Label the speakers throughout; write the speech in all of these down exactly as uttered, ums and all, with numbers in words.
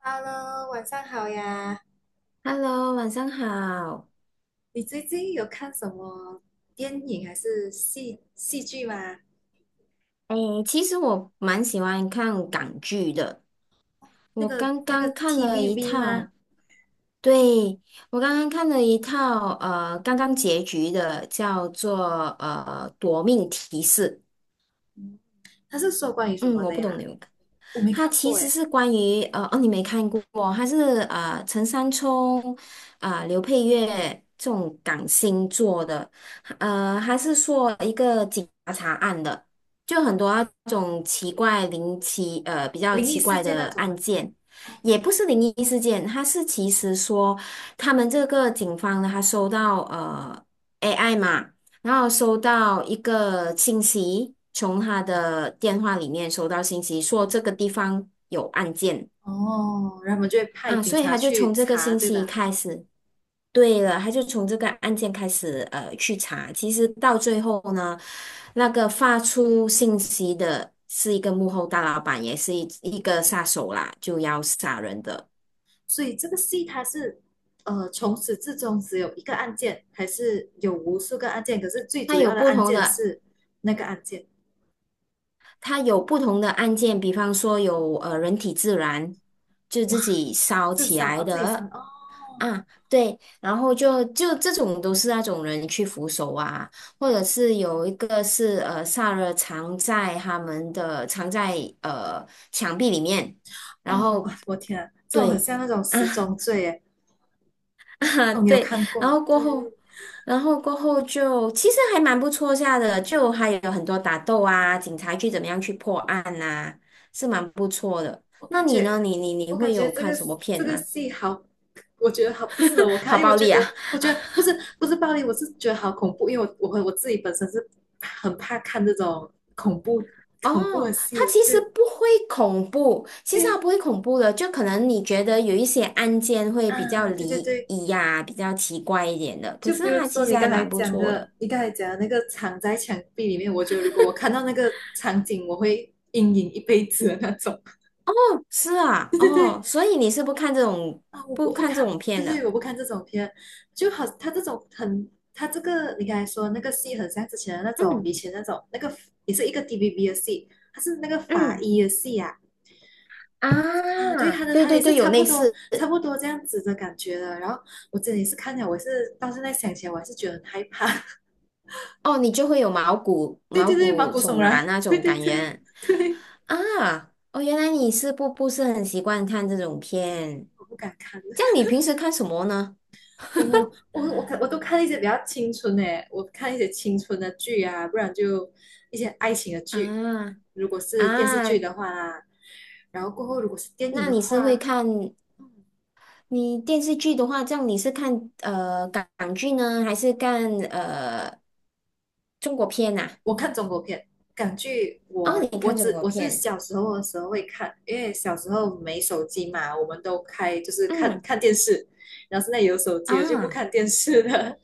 Speaker 1: Hello，晚上好呀！
Speaker 2: Hello，晚上好。
Speaker 1: 你最近有看什么电影还是戏戏剧吗？
Speaker 2: 哎，其实我蛮喜欢看港剧的。
Speaker 1: 那
Speaker 2: 我
Speaker 1: 个
Speaker 2: 刚
Speaker 1: 那个
Speaker 2: 刚看了一
Speaker 1: T V B 吗？
Speaker 2: 套，对，我刚刚看了一套，呃，刚刚结局的，叫做呃《夺命提示》。
Speaker 1: 他是说关于什
Speaker 2: 嗯，
Speaker 1: 么
Speaker 2: 我
Speaker 1: 的
Speaker 2: 不懂你
Speaker 1: 呀？
Speaker 2: 有
Speaker 1: 我没
Speaker 2: 它
Speaker 1: 看
Speaker 2: 其
Speaker 1: 过
Speaker 2: 实
Speaker 1: 诶，
Speaker 2: 是关于呃哦，你没看过哦。它是呃陈山聪啊、刘佩玥这种港星做的。呃，它是说一个警察案的，就很多那种奇怪灵奇呃比较
Speaker 1: 灵异
Speaker 2: 奇
Speaker 1: 事
Speaker 2: 怪
Speaker 1: 件那
Speaker 2: 的
Speaker 1: 种吗？
Speaker 2: 案件。
Speaker 1: 哦，
Speaker 2: 也不是灵异事件，它是其实说他们这个警方呢，他收到呃 A I 嘛，然后收到一个信息，从他的电话里面收到信息，说
Speaker 1: 嗯，
Speaker 2: 这个地方有案件
Speaker 1: 哦，然后我们就会派
Speaker 2: 啊，
Speaker 1: 警
Speaker 2: 所以
Speaker 1: 察
Speaker 2: 他就从
Speaker 1: 去
Speaker 2: 这个
Speaker 1: 查，
Speaker 2: 信
Speaker 1: 对
Speaker 2: 息
Speaker 1: 吧？
Speaker 2: 开始。对了，他就从这个案件开始呃去查，其实到最后呢，那个发出信息的是一个幕后大老板，也是一一个杀手啦，就要杀人的。
Speaker 1: 所以这个戏它是呃从始至终只有一个案件，还是有无数个案件？可是最
Speaker 2: 他
Speaker 1: 主
Speaker 2: 有
Speaker 1: 要的
Speaker 2: 不
Speaker 1: 案
Speaker 2: 同
Speaker 1: 件
Speaker 2: 的，
Speaker 1: 是那个案件，
Speaker 2: 他有不同的案件，比方说有呃人体自燃，就自己烧
Speaker 1: 自
Speaker 2: 起
Speaker 1: 杀
Speaker 2: 来
Speaker 1: 哦，自己杀
Speaker 2: 的。
Speaker 1: 哦，
Speaker 2: 啊，对，然后就就这种都是那种人去扶手啊，或者是有一个是呃萨勒藏在他们的藏在呃墙壁里面，然
Speaker 1: 哦，
Speaker 2: 后
Speaker 1: 哇，我天啊，这种很
Speaker 2: 对
Speaker 1: 像那种
Speaker 2: 啊
Speaker 1: 十 宗罪耶。
Speaker 2: 啊，
Speaker 1: 哦，你有
Speaker 2: 对，
Speaker 1: 看过
Speaker 2: 然
Speaker 1: 吗？
Speaker 2: 后过
Speaker 1: 对，
Speaker 2: 后，然后过后就其实还蛮不错下的，就还有很多打斗啊，警察去怎么样去破案呐，是蛮不错的。
Speaker 1: 我
Speaker 2: 那
Speaker 1: 感
Speaker 2: 你
Speaker 1: 觉，
Speaker 2: 呢？你你你
Speaker 1: 我感
Speaker 2: 会
Speaker 1: 觉
Speaker 2: 有
Speaker 1: 这
Speaker 2: 看
Speaker 1: 个
Speaker 2: 什么
Speaker 1: 这
Speaker 2: 片
Speaker 1: 个
Speaker 2: 吗？
Speaker 1: 戏好，我觉得好不适合我 看，
Speaker 2: 好
Speaker 1: 因为我
Speaker 2: 暴
Speaker 1: 觉
Speaker 2: 力
Speaker 1: 得，
Speaker 2: 啊！
Speaker 1: 我觉得不是不是暴力，我是觉得好恐怖，因为我我我自己本身是很怕看这种恐怖恐怖的
Speaker 2: 哦，
Speaker 1: 戏
Speaker 2: 它
Speaker 1: 的。
Speaker 2: 其实
Speaker 1: 对，
Speaker 2: 不会恐怖，其实它
Speaker 1: 诶
Speaker 2: 不会恐怖的，就可能你觉得有一些案件会比较
Speaker 1: 啊，对对
Speaker 2: 离
Speaker 1: 对，
Speaker 2: 异呀、比较奇怪一点的，可
Speaker 1: 就
Speaker 2: 是
Speaker 1: 比如
Speaker 2: 它
Speaker 1: 说
Speaker 2: 其实
Speaker 1: 你
Speaker 2: 还
Speaker 1: 刚才
Speaker 2: 蛮不
Speaker 1: 讲
Speaker 2: 错
Speaker 1: 的，
Speaker 2: 的。
Speaker 1: 你刚才讲的那个藏在墙壁里面，我觉得如果我看到那个场景，我会阴影一辈子的那种。
Speaker 2: 是 啊。
Speaker 1: 对对对，
Speaker 2: 哦，所以你是不看这种
Speaker 1: 啊，我
Speaker 2: 不
Speaker 1: 我不
Speaker 2: 看这
Speaker 1: 看，
Speaker 2: 种
Speaker 1: 就
Speaker 2: 片的？
Speaker 1: 是我不看这种片，就好，他这种很，他这个你刚才说那个戏，很像之前的那种，
Speaker 2: 嗯
Speaker 1: 以前那种那个也是一个 D V B 的戏，他是那个法
Speaker 2: 嗯。
Speaker 1: 医的戏啊，
Speaker 2: 啊，
Speaker 1: 哇啊，对，他的
Speaker 2: 对
Speaker 1: 他
Speaker 2: 对
Speaker 1: 也是
Speaker 2: 对，有
Speaker 1: 差不
Speaker 2: 类
Speaker 1: 多
Speaker 2: 似。
Speaker 1: 差不多这样子的感觉的。然后我真的也是看了，我是到现在想起来，我还是觉得很害怕。
Speaker 2: 哦，你就会有毛骨
Speaker 1: 对
Speaker 2: 毛
Speaker 1: 对对，毛
Speaker 2: 骨
Speaker 1: 骨悚
Speaker 2: 悚
Speaker 1: 然，
Speaker 2: 然那
Speaker 1: 对
Speaker 2: 种
Speaker 1: 对
Speaker 2: 感
Speaker 1: 对
Speaker 2: 觉
Speaker 1: 对，
Speaker 2: 啊。哦，原来你是不不是很习惯看这种片，
Speaker 1: 我不敢看。
Speaker 2: 这样你平时看什么呢？
Speaker 1: 我我我看我都看一些比较青春的，我看一些青春的剧啊，不然就一些爱情的剧。
Speaker 2: 啊。
Speaker 1: 如果是电视剧
Speaker 2: 啊，
Speaker 1: 的话啦，然后过后如果是电影
Speaker 2: 那
Speaker 1: 的
Speaker 2: 你是会
Speaker 1: 话，
Speaker 2: 看
Speaker 1: 嗯
Speaker 2: 你电视剧的话，这样你是看呃港港剧呢，还是看呃中国片呐？
Speaker 1: 我看中国片，港剧
Speaker 2: 哦，
Speaker 1: 我
Speaker 2: 你
Speaker 1: 我
Speaker 2: 看中
Speaker 1: 只
Speaker 2: 国
Speaker 1: 我是
Speaker 2: 片。
Speaker 1: 小时候的时候会看，因为小时候没手机嘛，我们都开就是看
Speaker 2: 嗯
Speaker 1: 看电视，然后现在有手机了就不
Speaker 2: 啊
Speaker 1: 看电视了。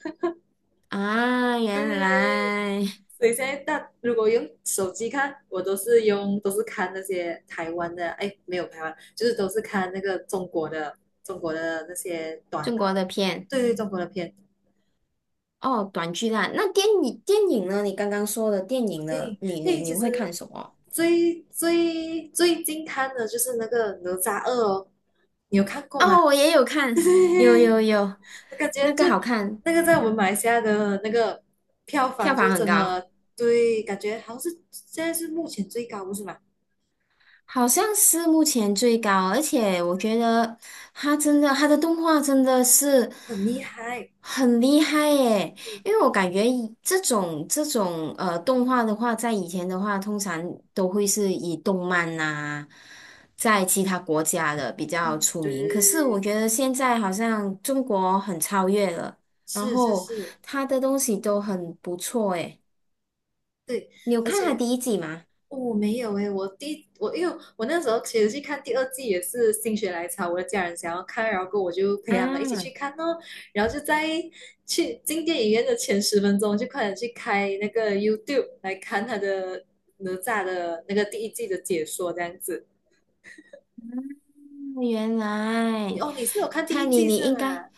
Speaker 2: 啊，原
Speaker 1: 对，
Speaker 2: 来
Speaker 1: 所以现在大如果用手机看，我都是用都是看那些台湾的，哎，没有台湾，就是都是看那个中国的中国的那些短
Speaker 2: 中国
Speaker 1: 的，
Speaker 2: 的片。
Speaker 1: 对对，中国的片。
Speaker 2: 哦，短剧啦。那电影电影呢？你刚刚说的电影
Speaker 1: 电
Speaker 2: 呢？
Speaker 1: 影
Speaker 2: 你
Speaker 1: 电
Speaker 2: 你
Speaker 1: 影
Speaker 2: 你
Speaker 1: 其
Speaker 2: 会看
Speaker 1: 实
Speaker 2: 什么？
Speaker 1: 最最最近看的就是那个《哪吒二》哦，你有看过吗？
Speaker 2: 哦，我也有
Speaker 1: 对，
Speaker 2: 看，有有有，
Speaker 1: 我感觉
Speaker 2: 那
Speaker 1: 就
Speaker 2: 个好看。
Speaker 1: 那个在我们马来西亚的那个票房
Speaker 2: 票房
Speaker 1: 就
Speaker 2: 很
Speaker 1: 真
Speaker 2: 高。
Speaker 1: 的对，感觉好像是现在是目前最高，不是吗？
Speaker 2: 好像是目前最高，而且我觉得他真的，他的动画真的是
Speaker 1: 很厉害。
Speaker 2: 很厉害耶！因为我感觉以这种这种呃动画的话，在以前的话，通常都会是以动漫呐，在其他国家的比较
Speaker 1: 嗯，
Speaker 2: 出
Speaker 1: 对
Speaker 2: 名。可是我
Speaker 1: 对对，
Speaker 2: 觉得现在好像中国很超越了。然
Speaker 1: 是是
Speaker 2: 后
Speaker 1: 是，
Speaker 2: 他的东西都很不错诶。
Speaker 1: 对，
Speaker 2: 你有
Speaker 1: 而
Speaker 2: 看他
Speaker 1: 且
Speaker 2: 第一季吗？
Speaker 1: 我。哦我没有诶，我第我因为我那时候其实去看第二季也是心血来潮，我的家人想要看，然后我就陪他们一起去
Speaker 2: 啊，
Speaker 1: 看哦，然后就在去进电影院的前十分钟就快点去开那个 YouTube 来看他的哪吒的那个第一季的解说这样子。
Speaker 2: 原
Speaker 1: 你
Speaker 2: 来。
Speaker 1: 哦，你是有看第
Speaker 2: 看
Speaker 1: 一
Speaker 2: 你，
Speaker 1: 季
Speaker 2: 你
Speaker 1: 是
Speaker 2: 应该，
Speaker 1: 吗？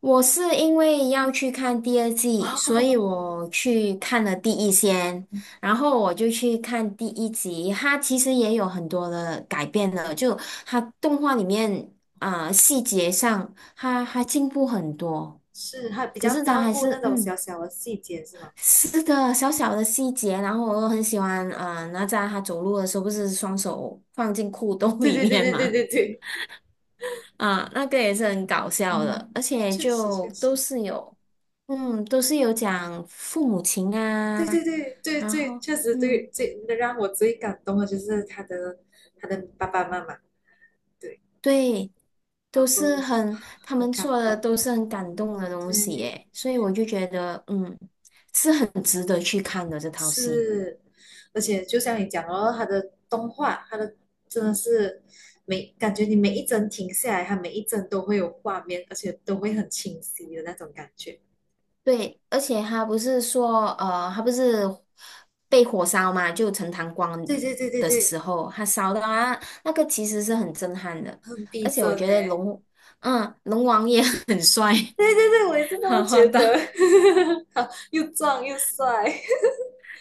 Speaker 2: 我是因为要去看第二季，所以
Speaker 1: 哦，
Speaker 2: 我去看了第一先。然后我就去看第一集，它其实也有很多的改变了，就它动画里面啊、细节上，他还进步很多。
Speaker 1: 是，还比
Speaker 2: 可
Speaker 1: 较
Speaker 2: 是他
Speaker 1: 照
Speaker 2: 还
Speaker 1: 顾那
Speaker 2: 是
Speaker 1: 种
Speaker 2: 嗯
Speaker 1: 小小的细节是吗？
Speaker 2: 是个小小的细节。然后我又很喜欢啊、呃哪吒他走路的时候不是双手放进裤兜
Speaker 1: 对
Speaker 2: 里
Speaker 1: 对对
Speaker 2: 面
Speaker 1: 对对
Speaker 2: 吗？
Speaker 1: 对对，
Speaker 2: 啊，那个也是很搞笑的，
Speaker 1: 嗯，
Speaker 2: 而且
Speaker 1: 确实
Speaker 2: 就
Speaker 1: 确
Speaker 2: 都
Speaker 1: 实，
Speaker 2: 是有。嗯，都是有讲父母情
Speaker 1: 对
Speaker 2: 啊。
Speaker 1: 对对对
Speaker 2: 然
Speaker 1: 对，
Speaker 2: 后，
Speaker 1: 确实对
Speaker 2: 嗯，
Speaker 1: 最让我最感动的就是他的他的爸爸妈妈，对，
Speaker 2: 对，
Speaker 1: 然
Speaker 2: 都是
Speaker 1: 后
Speaker 2: 很，他
Speaker 1: 很
Speaker 2: 们
Speaker 1: 感
Speaker 2: 做的
Speaker 1: 动，
Speaker 2: 都是很感动的东西
Speaker 1: 对，
Speaker 2: 耶。所以我就觉得，嗯，是很值得去看的这套戏。
Speaker 1: 是，而且就像你讲哦，他的动画，他的真的是每感觉你每一帧停下来，他每一帧都会有画面，而且都会很清晰的那种感觉，
Speaker 2: 对，而且他不是说，呃，他不是被火烧嘛，就陈塘关
Speaker 1: 对对对对
Speaker 2: 的
Speaker 1: 对，
Speaker 2: 时候，他烧到啊，那个其实是很震撼的。
Speaker 1: 很逼
Speaker 2: 而且我
Speaker 1: 真
Speaker 2: 觉
Speaker 1: 呢，
Speaker 2: 得龙，嗯，龙王也 很帅。
Speaker 1: 对对对，我也是这 么
Speaker 2: 好好
Speaker 1: 觉
Speaker 2: 的，
Speaker 1: 得。好，又壮又帅，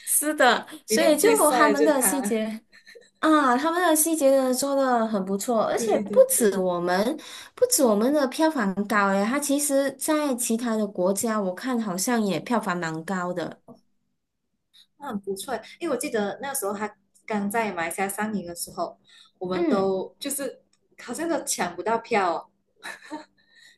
Speaker 2: 是 的。
Speaker 1: 里里
Speaker 2: 所
Speaker 1: 面
Speaker 2: 以就
Speaker 1: 最帅
Speaker 2: 他
Speaker 1: 的
Speaker 2: 们
Speaker 1: 就是
Speaker 2: 的细
Speaker 1: 他。
Speaker 2: 节啊，他们的细节真的做的很不错，而且
Speaker 1: 对
Speaker 2: 不
Speaker 1: 对
Speaker 2: 止
Speaker 1: 对，
Speaker 2: 我们，不止我们的票房高诶。它其实在其他的国家，我看好像也票房蛮高的。
Speaker 1: 那很不错。因为我记得那时候他刚在马来西亚上映的时候，我们
Speaker 2: 嗯，
Speaker 1: 都就是好像都抢不到票哦。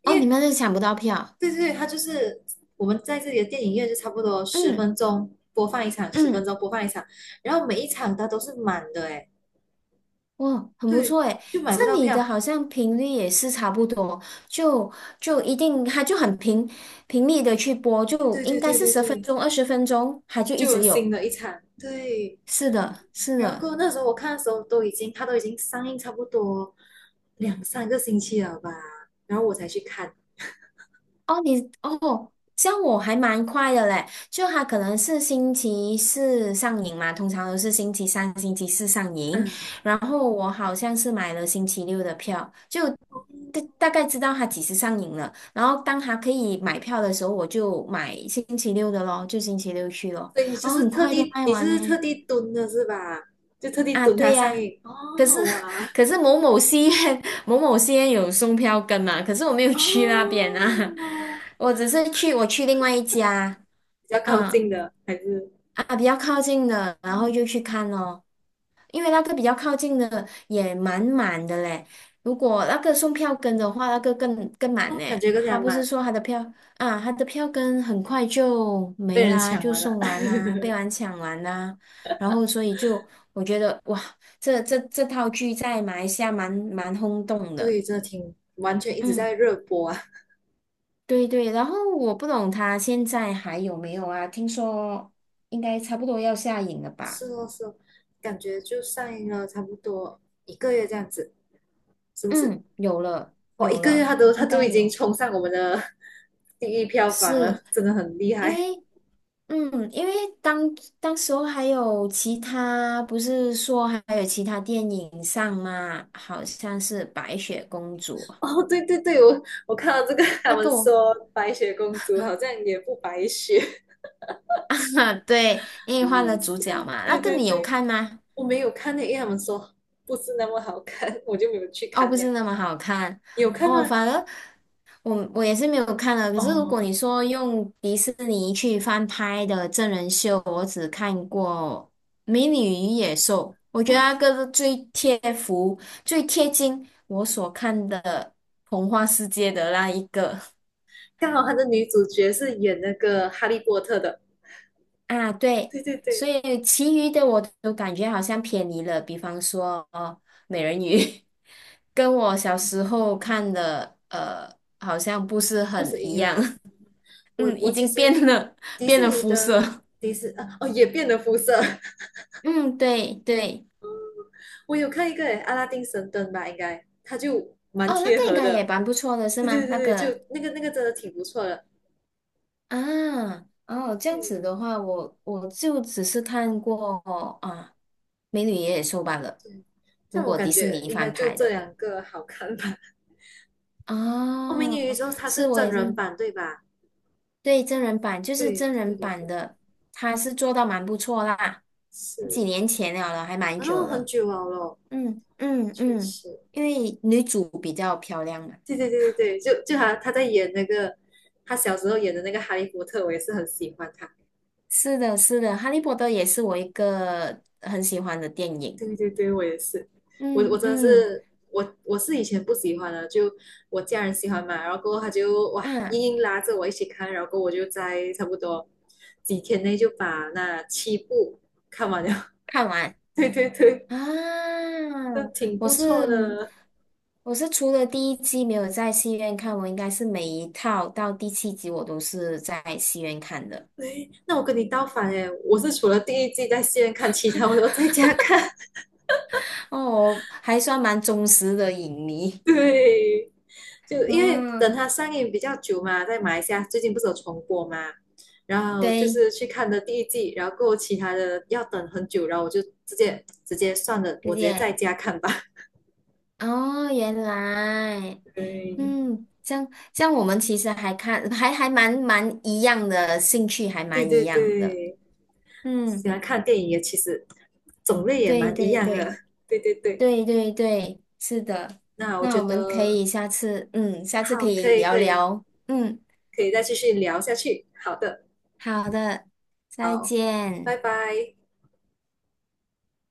Speaker 1: 因
Speaker 2: 哦，你
Speaker 1: 为
Speaker 2: 们是抢不到票。
Speaker 1: 对对对，他就是我们在这里的电影院就差不多十
Speaker 2: 嗯
Speaker 1: 分钟播放一场，十分
Speaker 2: 嗯，
Speaker 1: 钟播放一场，然后每一场它都是满的哎，
Speaker 2: 哇，很不错
Speaker 1: 对，
Speaker 2: 诶。
Speaker 1: 就买
Speaker 2: 这
Speaker 1: 不到
Speaker 2: 里的
Speaker 1: 票。
Speaker 2: 好像频率也是差不多，就就一定，它就很频频率的去播，就
Speaker 1: 对
Speaker 2: 应
Speaker 1: 对
Speaker 2: 该
Speaker 1: 对
Speaker 2: 是
Speaker 1: 对
Speaker 2: 十分
Speaker 1: 对，
Speaker 2: 钟、二十分钟，它就一
Speaker 1: 就有
Speaker 2: 直
Speaker 1: 新
Speaker 2: 有。
Speaker 1: 的一场，对。
Speaker 2: 是的，是
Speaker 1: 然
Speaker 2: 的。
Speaker 1: 后那时候我看的时候都已经，它都已经上映差不多两三个星期了吧，然后我才去看，
Speaker 2: 哦，你哦，像我还蛮快的嘞，就它可能是星期四上映嘛，通常都是星期三、星期四上映。
Speaker 1: 嗯，
Speaker 2: 然后我好像是买了星期六的票，就大大概知道它几时上映了。然后当它可以买票的时候，我就买星期六的咯，就星期六去咯。
Speaker 1: 所以你就
Speaker 2: 然后
Speaker 1: 是
Speaker 2: 很
Speaker 1: 特
Speaker 2: 快都
Speaker 1: 地，
Speaker 2: 卖
Speaker 1: 你就
Speaker 2: 完
Speaker 1: 是特
Speaker 2: 呢。
Speaker 1: 地蹲的是吧？就特地
Speaker 2: 啊，
Speaker 1: 蹲它
Speaker 2: 对
Speaker 1: 上
Speaker 2: 呀。
Speaker 1: 映。
Speaker 2: 可是
Speaker 1: 哦，哇，
Speaker 2: 可是某某戏院某某戏院有送票根嘛。可是我没有去那边啊。
Speaker 1: 哦，
Speaker 2: 我只是去我去另外一家。
Speaker 1: 比较靠近
Speaker 2: 嗯，
Speaker 1: 的还是，
Speaker 2: 啊，比较靠近的，然后就去看咯。因为那个比较靠近的也蛮满的嘞。如果那个送票根的话，那个更更满
Speaker 1: 哦，感
Speaker 2: 嘞。
Speaker 1: 觉更加
Speaker 2: 他不是
Speaker 1: 满，
Speaker 2: 说他的票啊，他的票根很快就
Speaker 1: 被
Speaker 2: 没
Speaker 1: 人
Speaker 2: 啦，
Speaker 1: 抢
Speaker 2: 就
Speaker 1: 完了。
Speaker 2: 送完啦，被 完抢完啦。然后所以就我觉得哇，这这这套剧在马来西亚蛮蛮轰动的。
Speaker 1: 对，这挺完全一直在
Speaker 2: 嗯，
Speaker 1: 热播啊。
Speaker 2: 对对。然后我不懂他现在还有没有啊？听说应该差不多要下映了
Speaker 1: 是
Speaker 2: 吧？
Speaker 1: 哦，是哦，感觉就上映了差不多一个月这样子，是不是？
Speaker 2: 嗯，有了
Speaker 1: 哇，一
Speaker 2: 有
Speaker 1: 个月
Speaker 2: 了，
Speaker 1: 他都他
Speaker 2: 应
Speaker 1: 都
Speaker 2: 该
Speaker 1: 已经
Speaker 2: 有。
Speaker 1: 冲上我们的 第一票房了，
Speaker 2: 是
Speaker 1: 真的很厉
Speaker 2: 因
Speaker 1: 害。
Speaker 2: 为嗯，因为当当时候还有其他，不是说还有其他电影上嘛，好像是《白雪公主》
Speaker 1: 哦，对对对，我我看到这个，他
Speaker 2: 那
Speaker 1: 们
Speaker 2: 个我。
Speaker 1: 说白雪公主好像也不白雪，
Speaker 2: 对，因为
Speaker 1: 很
Speaker 2: 换
Speaker 1: 好
Speaker 2: 了主
Speaker 1: 笑。
Speaker 2: 角嘛，那
Speaker 1: 对
Speaker 2: 个
Speaker 1: 对
Speaker 2: 你有
Speaker 1: 对，
Speaker 2: 看吗？
Speaker 1: 我没有看那，因为他们说不是那么好看，我就没有去
Speaker 2: 哦，不
Speaker 1: 看呀。
Speaker 2: 是那么好看。
Speaker 1: 你有看
Speaker 2: 哦，
Speaker 1: 吗？
Speaker 2: 反而我我也是没有看的。可是如果
Speaker 1: 哦
Speaker 2: 你说用迪士尼去翻拍的真人秀，我只看过《美女与野兽》。我觉
Speaker 1: 哦，
Speaker 2: 得那个是最贴服、最贴近我所看的童话世界的那一个。
Speaker 1: 刚好他的女主角是演那个哈利波特的。
Speaker 2: 啊，对。
Speaker 1: 对对
Speaker 2: 所
Speaker 1: 对，
Speaker 2: 以其余的我都感觉好像偏离了，比方说哦，美人鱼 跟我小时候看的呃，好像不是
Speaker 1: 不
Speaker 2: 很
Speaker 1: 止一
Speaker 2: 一
Speaker 1: 样
Speaker 2: 样。
Speaker 1: 啊。我
Speaker 2: 嗯，已
Speaker 1: 我其
Speaker 2: 经
Speaker 1: 实
Speaker 2: 变了，
Speaker 1: 迪
Speaker 2: 变
Speaker 1: 士
Speaker 2: 了
Speaker 1: 尼
Speaker 2: 肤色。
Speaker 1: 的迪士啊哦也变了肤色。
Speaker 2: 嗯，对对。
Speaker 1: 我有看一个诶，阿拉丁神灯吧，应该它就蛮
Speaker 2: 哦，那个
Speaker 1: 贴
Speaker 2: 应
Speaker 1: 合
Speaker 2: 该也
Speaker 1: 的。
Speaker 2: 蛮不错的，是
Speaker 1: 对
Speaker 2: 吗？
Speaker 1: 对
Speaker 2: 那
Speaker 1: 对对，就
Speaker 2: 个
Speaker 1: 那个那个真的挺不错的。
Speaker 2: 啊。哦，这样
Speaker 1: 对
Speaker 2: 子的话，我我就只是看过。啊，《美女与野兽》罢了，
Speaker 1: 对，
Speaker 2: 如
Speaker 1: 但我
Speaker 2: 果
Speaker 1: 感
Speaker 2: 迪士
Speaker 1: 觉
Speaker 2: 尼
Speaker 1: 应该
Speaker 2: 翻
Speaker 1: 就
Speaker 2: 拍
Speaker 1: 这
Speaker 2: 的。
Speaker 1: 两个好看吧。哦，美女
Speaker 2: 哦，
Speaker 1: 与野兽它
Speaker 2: 是
Speaker 1: 是
Speaker 2: 我
Speaker 1: 真
Speaker 2: 也
Speaker 1: 人
Speaker 2: 是。
Speaker 1: 版对吧？
Speaker 2: 对，真人版就是
Speaker 1: 对
Speaker 2: 真
Speaker 1: 对
Speaker 2: 人
Speaker 1: 对
Speaker 2: 版
Speaker 1: 对，
Speaker 2: 的，他是做到蛮不错啦。
Speaker 1: 是。
Speaker 2: 几年前了了，还蛮
Speaker 1: 然
Speaker 2: 久
Speaker 1: 后很
Speaker 2: 了。
Speaker 1: 久了咯，
Speaker 2: 嗯嗯
Speaker 1: 确
Speaker 2: 嗯，
Speaker 1: 实。
Speaker 2: 因为女主比较漂亮嘛。
Speaker 1: 对对对对对，就就他他在演那个他小时候演的那个哈利波特，我也是很喜欢他。
Speaker 2: 是的，是的，《哈利波特》也是我一个很喜欢的电影。
Speaker 1: 对对对，我也是，我
Speaker 2: 嗯
Speaker 1: 我真的
Speaker 2: 嗯
Speaker 1: 是我我是以前不喜欢的，就我家人喜欢嘛，然后过后他就哇
Speaker 2: 嗯，
Speaker 1: 硬硬拉着我一起看，然后过后我就在差不多几天内就把那七部看完了。
Speaker 2: 看完
Speaker 1: 对对对，
Speaker 2: 啊。
Speaker 1: 那挺
Speaker 2: 我
Speaker 1: 不错
Speaker 2: 是
Speaker 1: 的。
Speaker 2: 我是除了第一季没有在戏院看，我应该是每一套到第七集我都是在戏院看的。
Speaker 1: 对，那我跟你倒反诶，我是除了第一季在戏院看，其他我都在家看。
Speaker 2: 哦，还算蛮忠实的影迷。
Speaker 1: 对，就因为等
Speaker 2: 嗯，
Speaker 1: 它上映比较久嘛，在马来西亚最近不是有重播嘛，然后就
Speaker 2: 对，
Speaker 1: 是去看的第一季，然后过后其他的要等很久，然后我就直接直接算了，
Speaker 2: 直
Speaker 1: 我直接
Speaker 2: 接。
Speaker 1: 在家看吧。
Speaker 2: 哦，原来。
Speaker 1: 对，
Speaker 2: 嗯，这样这样，我们其实还看还还蛮蛮一样的兴趣，还
Speaker 1: 对
Speaker 2: 蛮一
Speaker 1: 对
Speaker 2: 样的。
Speaker 1: 对，
Speaker 2: 嗯，
Speaker 1: 喜欢看电影也其实种类也
Speaker 2: 对
Speaker 1: 蛮一
Speaker 2: 对
Speaker 1: 样
Speaker 2: 对
Speaker 1: 的。对对对，
Speaker 2: 对对对，是的。
Speaker 1: 那我
Speaker 2: 那
Speaker 1: 觉
Speaker 2: 我们可
Speaker 1: 得
Speaker 2: 以下次，嗯，下次可
Speaker 1: 好，
Speaker 2: 以
Speaker 1: 可以
Speaker 2: 聊
Speaker 1: 可以
Speaker 2: 聊。嗯，
Speaker 1: 可以再继续聊下去。好的，
Speaker 2: 好的，再
Speaker 1: 好，拜
Speaker 2: 见。
Speaker 1: 拜。